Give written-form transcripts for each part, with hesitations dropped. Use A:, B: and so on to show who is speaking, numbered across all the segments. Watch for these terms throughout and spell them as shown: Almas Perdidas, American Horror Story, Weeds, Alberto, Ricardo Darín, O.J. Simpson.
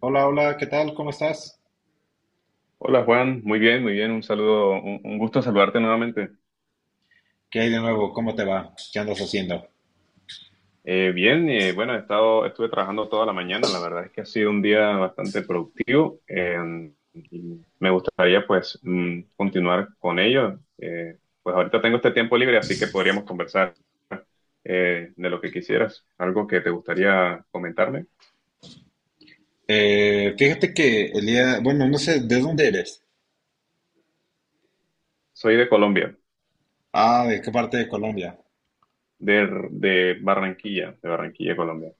A: Hola, hola, ¿qué tal? ¿Cómo estás?
B: Hola Juan, muy bien, un saludo, un gusto saludarte nuevamente.
A: ¿Qué hay de nuevo? ¿Cómo te va? ¿Qué andas haciendo?
B: Bien, bueno, estuve trabajando toda la mañana, la verdad es que ha sido un día bastante productivo y me gustaría pues continuar con ello. Pues ahorita tengo este tiempo libre, así que podríamos conversar de lo que quisieras, algo que te gustaría comentarme.
A: Fíjate que el día, bueno, no sé, ¿de dónde eres?
B: Soy de Colombia,
A: Ah, ¿de qué parte de Colombia?
B: de Barranquilla, de Barranquilla, Colombia.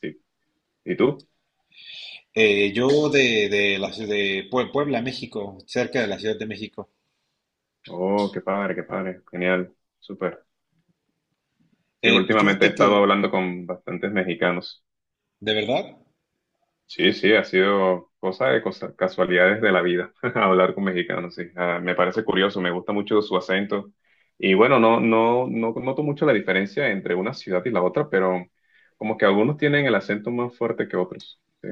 B: Sí. ¿Y tú?
A: Yo de la ciudad de Puebla, México, cerca de la Ciudad de México.
B: Oh, qué padre, genial, súper. Sí, últimamente he
A: Fíjate que,
B: estado hablando con bastantes mexicanos.
A: ¿de verdad?
B: Sí, sí, ha sido casualidades de la vida hablar con mexicanos, sí. Ah, me parece curioso, me gusta mucho su acento. Y bueno, no noto mucho la diferencia entre una ciudad y la otra, pero como que algunos tienen el acento más fuerte que otros. Sí.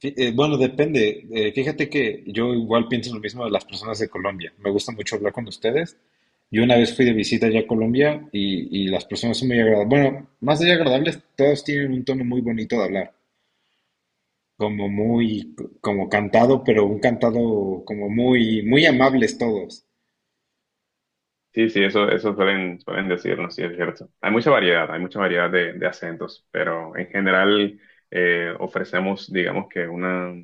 A: Bueno, depende. Fíjate que yo igual pienso lo mismo de las personas de Colombia. Me gusta mucho hablar con ustedes. Yo una vez fui de visita ya a Colombia y las personas son muy agradables. Bueno, más allá de agradables, todos tienen un tono muy bonito de hablar. Como muy, como cantado, pero un cantado como muy, muy amables todos.
B: Sí, sí, eso suelen decirnos, sí, es cierto. Hay mucha variedad de acentos, pero en general ofrecemos, digamos que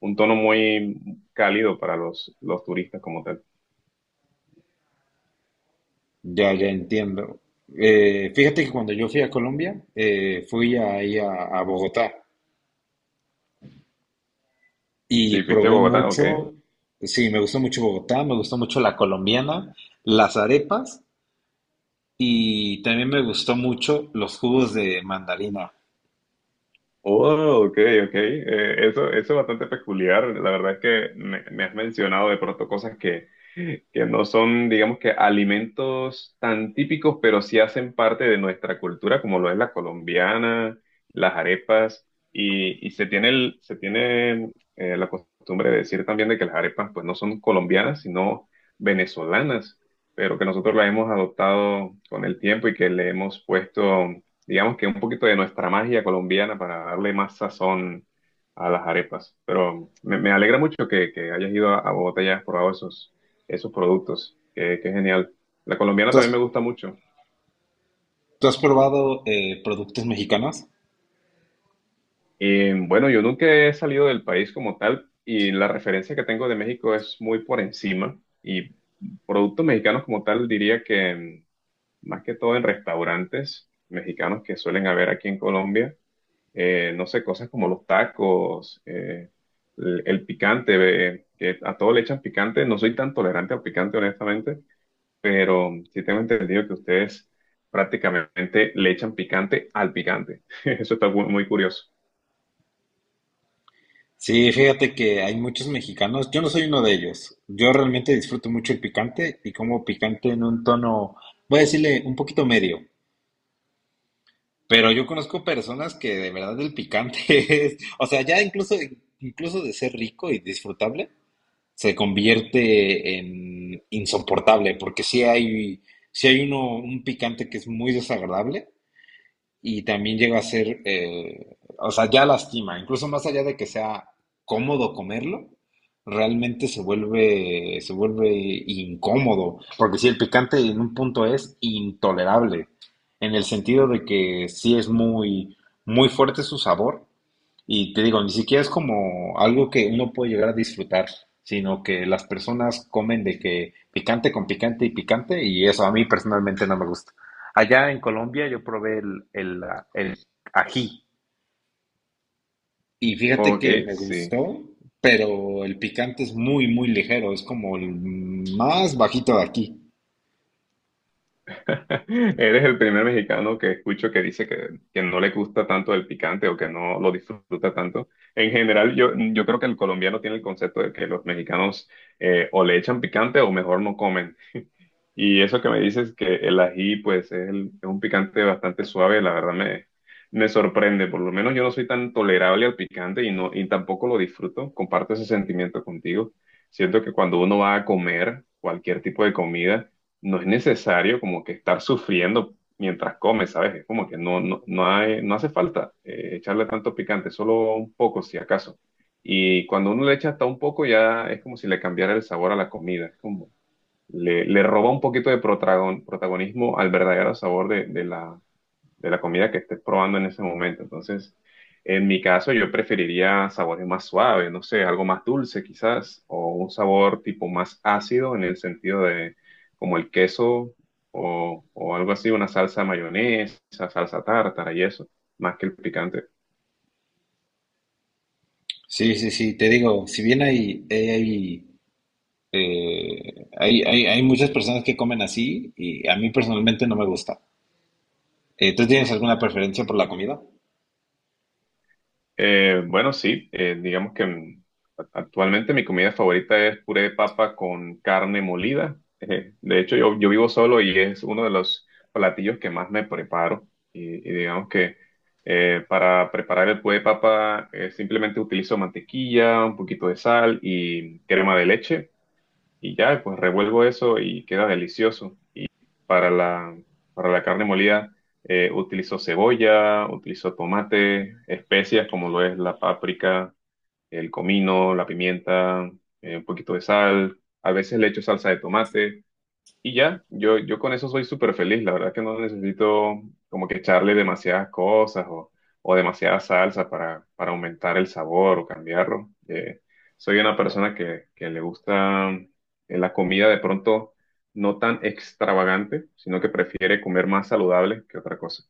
B: un tono muy cálido para los turistas como tal.
A: Ya, ya entiendo. Fíjate que cuando yo fui a Colombia, fui ahí a Bogotá.
B: Sí,
A: Y
B: fuiste a
A: probé
B: Bogotá, ok.
A: mucho, sí, me gustó mucho Bogotá, me gustó mucho la colombiana, las arepas y también me gustó mucho los jugos de mandarina.
B: Oh, ok, ok. Eso, eso es bastante peculiar. La verdad es que me has mencionado de pronto cosas que no son, digamos que, alimentos tan típicos, pero sí hacen parte de nuestra cultura, como lo es la colombiana, las arepas, y se tiene, se tiene la costumbre de decir también de que las arepas, pues, no son colombianas, sino venezolanas, pero que nosotros las hemos adoptado con el tiempo y que le hemos puesto digamos que un poquito de nuestra magia colombiana para darle más sazón a las arepas. Pero me alegra mucho que hayas ido a Bogotá y hayas probado esos, esos productos. Qué, qué genial. La colombiana
A: ¿Tú
B: también
A: has,
B: me gusta mucho.
A: tú has probado productos mexicanos?
B: Y bueno, yo nunca he salido del país como tal y la referencia que tengo de México es muy por encima. Y productos mexicanos como tal diría que más que todo en restaurantes mexicanos que suelen haber aquí en Colombia. No sé, cosas como los tacos, el picante, que a todo le echan picante. No soy tan tolerante al picante, honestamente, pero sí tengo entendido que ustedes prácticamente le echan picante al picante. Eso está muy muy curioso.
A: Sí, fíjate que hay muchos mexicanos, yo no soy uno de ellos. Yo realmente disfruto mucho el picante y como picante en un tono, voy a decirle un poquito medio, pero yo conozco personas que de verdad el picante es, o sea, ya incluso, incluso de ser rico y disfrutable. Se convierte en insoportable, porque sí hay uno, un picante que es muy desagradable y también llega a ser, o sea, ya lastima, incluso más allá de que sea cómodo comerlo, realmente se vuelve incómodo, porque sí, el picante en un punto es intolerable, en el sentido de que sí es muy, muy fuerte su sabor y te digo, ni siquiera es como algo que uno puede llegar a disfrutar, sino que las personas comen de que picante con picante y picante, y eso a mí personalmente no me gusta. Allá en Colombia yo probé el ají, y fíjate
B: Ok,
A: que me
B: sí.
A: gustó, pero el picante es muy, muy ligero, es como el más bajito de aquí.
B: Eres el primer mexicano que escucho que dice que no le gusta tanto el picante o que no lo disfruta tanto. En general, yo creo que el colombiano tiene el concepto de que los mexicanos o le echan picante o mejor no comen. Y eso que me dices que el ají, pues es, es un picante bastante suave, la verdad me sorprende. Por lo menos yo no soy tan tolerable al picante y, no, y tampoco lo disfruto. Comparto ese sentimiento contigo. Siento que cuando uno va a comer cualquier tipo de comida, no es necesario como que estar sufriendo mientras come, ¿sabes? Es como que no hay, no hace falta echarle tanto picante, solo un poco si acaso. Y cuando uno le echa hasta un poco, ya es como si le cambiara el sabor a la comida. Es como le roba un poquito de protagonismo al verdadero sabor de de la comida que estés probando en ese momento. Entonces, en mi caso, yo preferiría sabores más suaves, no sé, algo más dulce quizás, o un sabor tipo más ácido en el sentido de como el queso o algo así, una salsa mayonesa, salsa tártara y eso, más que el picante.
A: Sí, sí, sí, te digo, si bien hay muchas personas que comen así, y a mí personalmente no me gusta. ¿Tú tienes alguna preferencia por la comida?
B: Bueno, sí, digamos que actualmente mi comida favorita es puré de papa con carne molida. De hecho, yo vivo solo y es uno de los platillos que más me preparo. Y digamos que para preparar el puré de papa simplemente utilizo mantequilla, un poquito de sal y crema de leche y ya, pues revuelvo eso y queda delicioso para para la carne molida utilizo cebolla, utilizo tomate, especias como lo es la páprica, el comino, la pimienta, un poquito de sal. A veces le echo salsa de tomate. Y ya, yo con eso soy súper feliz. La verdad que no necesito como que echarle demasiadas cosas o demasiada salsa para aumentar el sabor o cambiarlo. Soy una persona que le gusta la comida de pronto no tan extravagante, sino que prefiere comer más saludable que otra cosa.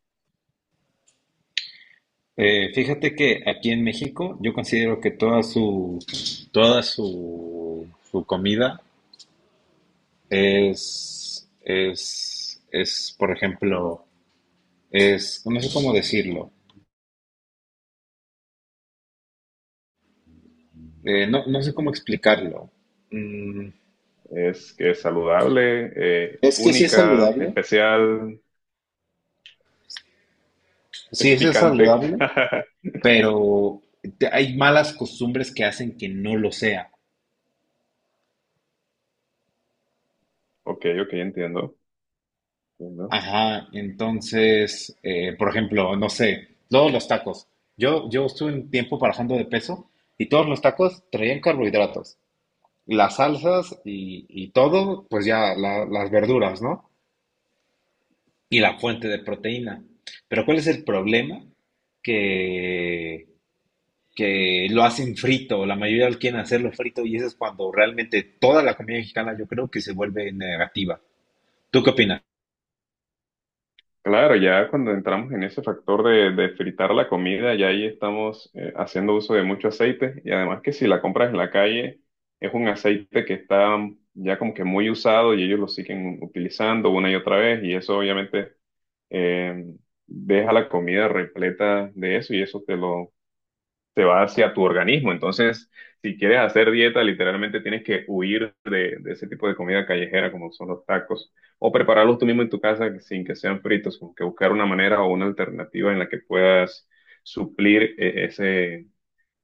A: Fíjate que aquí en México yo considero que toda su, su comida es, por ejemplo, es, no sé cómo decirlo, no sé cómo explicarlo. Mm,
B: Es que es saludable,
A: Es que sí es
B: única,
A: saludable.
B: especial,
A: Sí,
B: es
A: eso es
B: picante.
A: saludable, pero hay malas costumbres que hacen que no lo sea.
B: Ok, ok, entiendo. Entiendo.
A: Ajá, entonces, por ejemplo, no sé, todos los tacos. Yo estuve un tiempo bajando de peso y todos los tacos traían carbohidratos. Las salsas y todo, pues ya las verduras, ¿no? Y la fuente de proteína. Pero ¿cuál es el problema? Que, que lo hacen frito, la mayoría lo quieren hacerlo frito y eso es cuando realmente toda la comida mexicana yo creo que se vuelve negativa. ¿Tú qué opinas?
B: Claro, ya cuando entramos en ese factor de fritar la comida, ya ahí estamos haciendo uso de mucho aceite y además que si la compras en la calle es un aceite que está ya como que muy usado y ellos lo siguen utilizando una y otra vez y eso obviamente eh, deja la comida repleta de eso y eso te lo se va hacia tu organismo. Entonces, si quieres hacer dieta, literalmente tienes que huir de ese tipo de comida callejera como son los tacos o prepararlos tú mismo en tu casa sin que sean fritos, como que buscar una manera o una alternativa en la que puedas suplir eh, ese,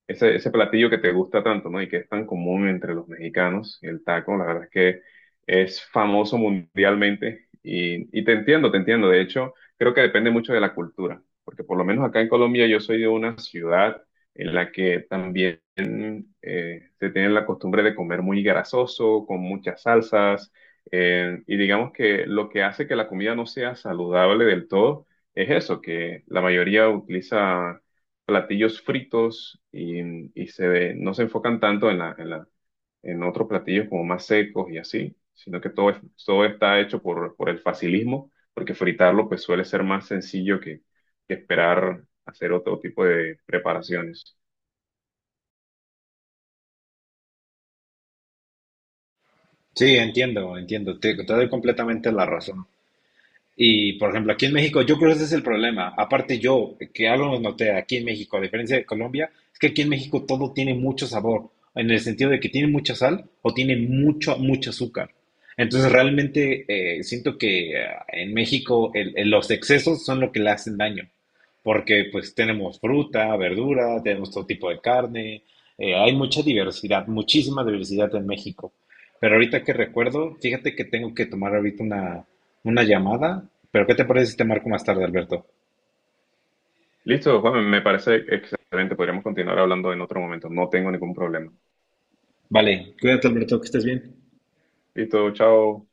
B: ese, ese platillo que te gusta tanto, ¿no? Y que es tan común entre los mexicanos, el taco, la verdad es que es famoso mundialmente y te entiendo, te entiendo. De hecho, creo que depende mucho de la cultura, porque por lo menos acá en Colombia yo soy de una ciudad en la que también se tiene la costumbre de comer muy grasoso, con muchas salsas, y digamos que lo que hace que la comida no sea saludable del todo es eso, que la mayoría utiliza platillos fritos y se ve, no se enfocan tanto en en otros platillos como más secos y así, sino que todo, todo está hecho por el facilismo, porque fritarlo pues suele ser más sencillo que esperar hacer otro tipo de preparaciones.
A: Sí, entiendo, entiendo, te doy completamente la razón. Y, por ejemplo, aquí en México, yo creo que ese es el problema. Aparte yo, que algo lo noté aquí en México, a diferencia de Colombia, es que aquí en México todo tiene mucho sabor, en el sentido de que tiene mucha sal o tiene mucho, mucho azúcar. Entonces, realmente siento que en México los excesos son lo que le hacen daño, porque pues tenemos fruta, verdura, tenemos todo tipo de carne, hay mucha diversidad, muchísima diversidad en México. Pero ahorita que recuerdo, fíjate que tengo que tomar ahorita ¿una llamada? ¿Pero qué te parece si te marco más tarde, Alberto?
B: Listo, Juan, me parece excelente. Podríamos continuar hablando en otro momento. No tengo ningún problema.
A: Vale, cuídate Alberto, que estés bien.
B: Listo, chao.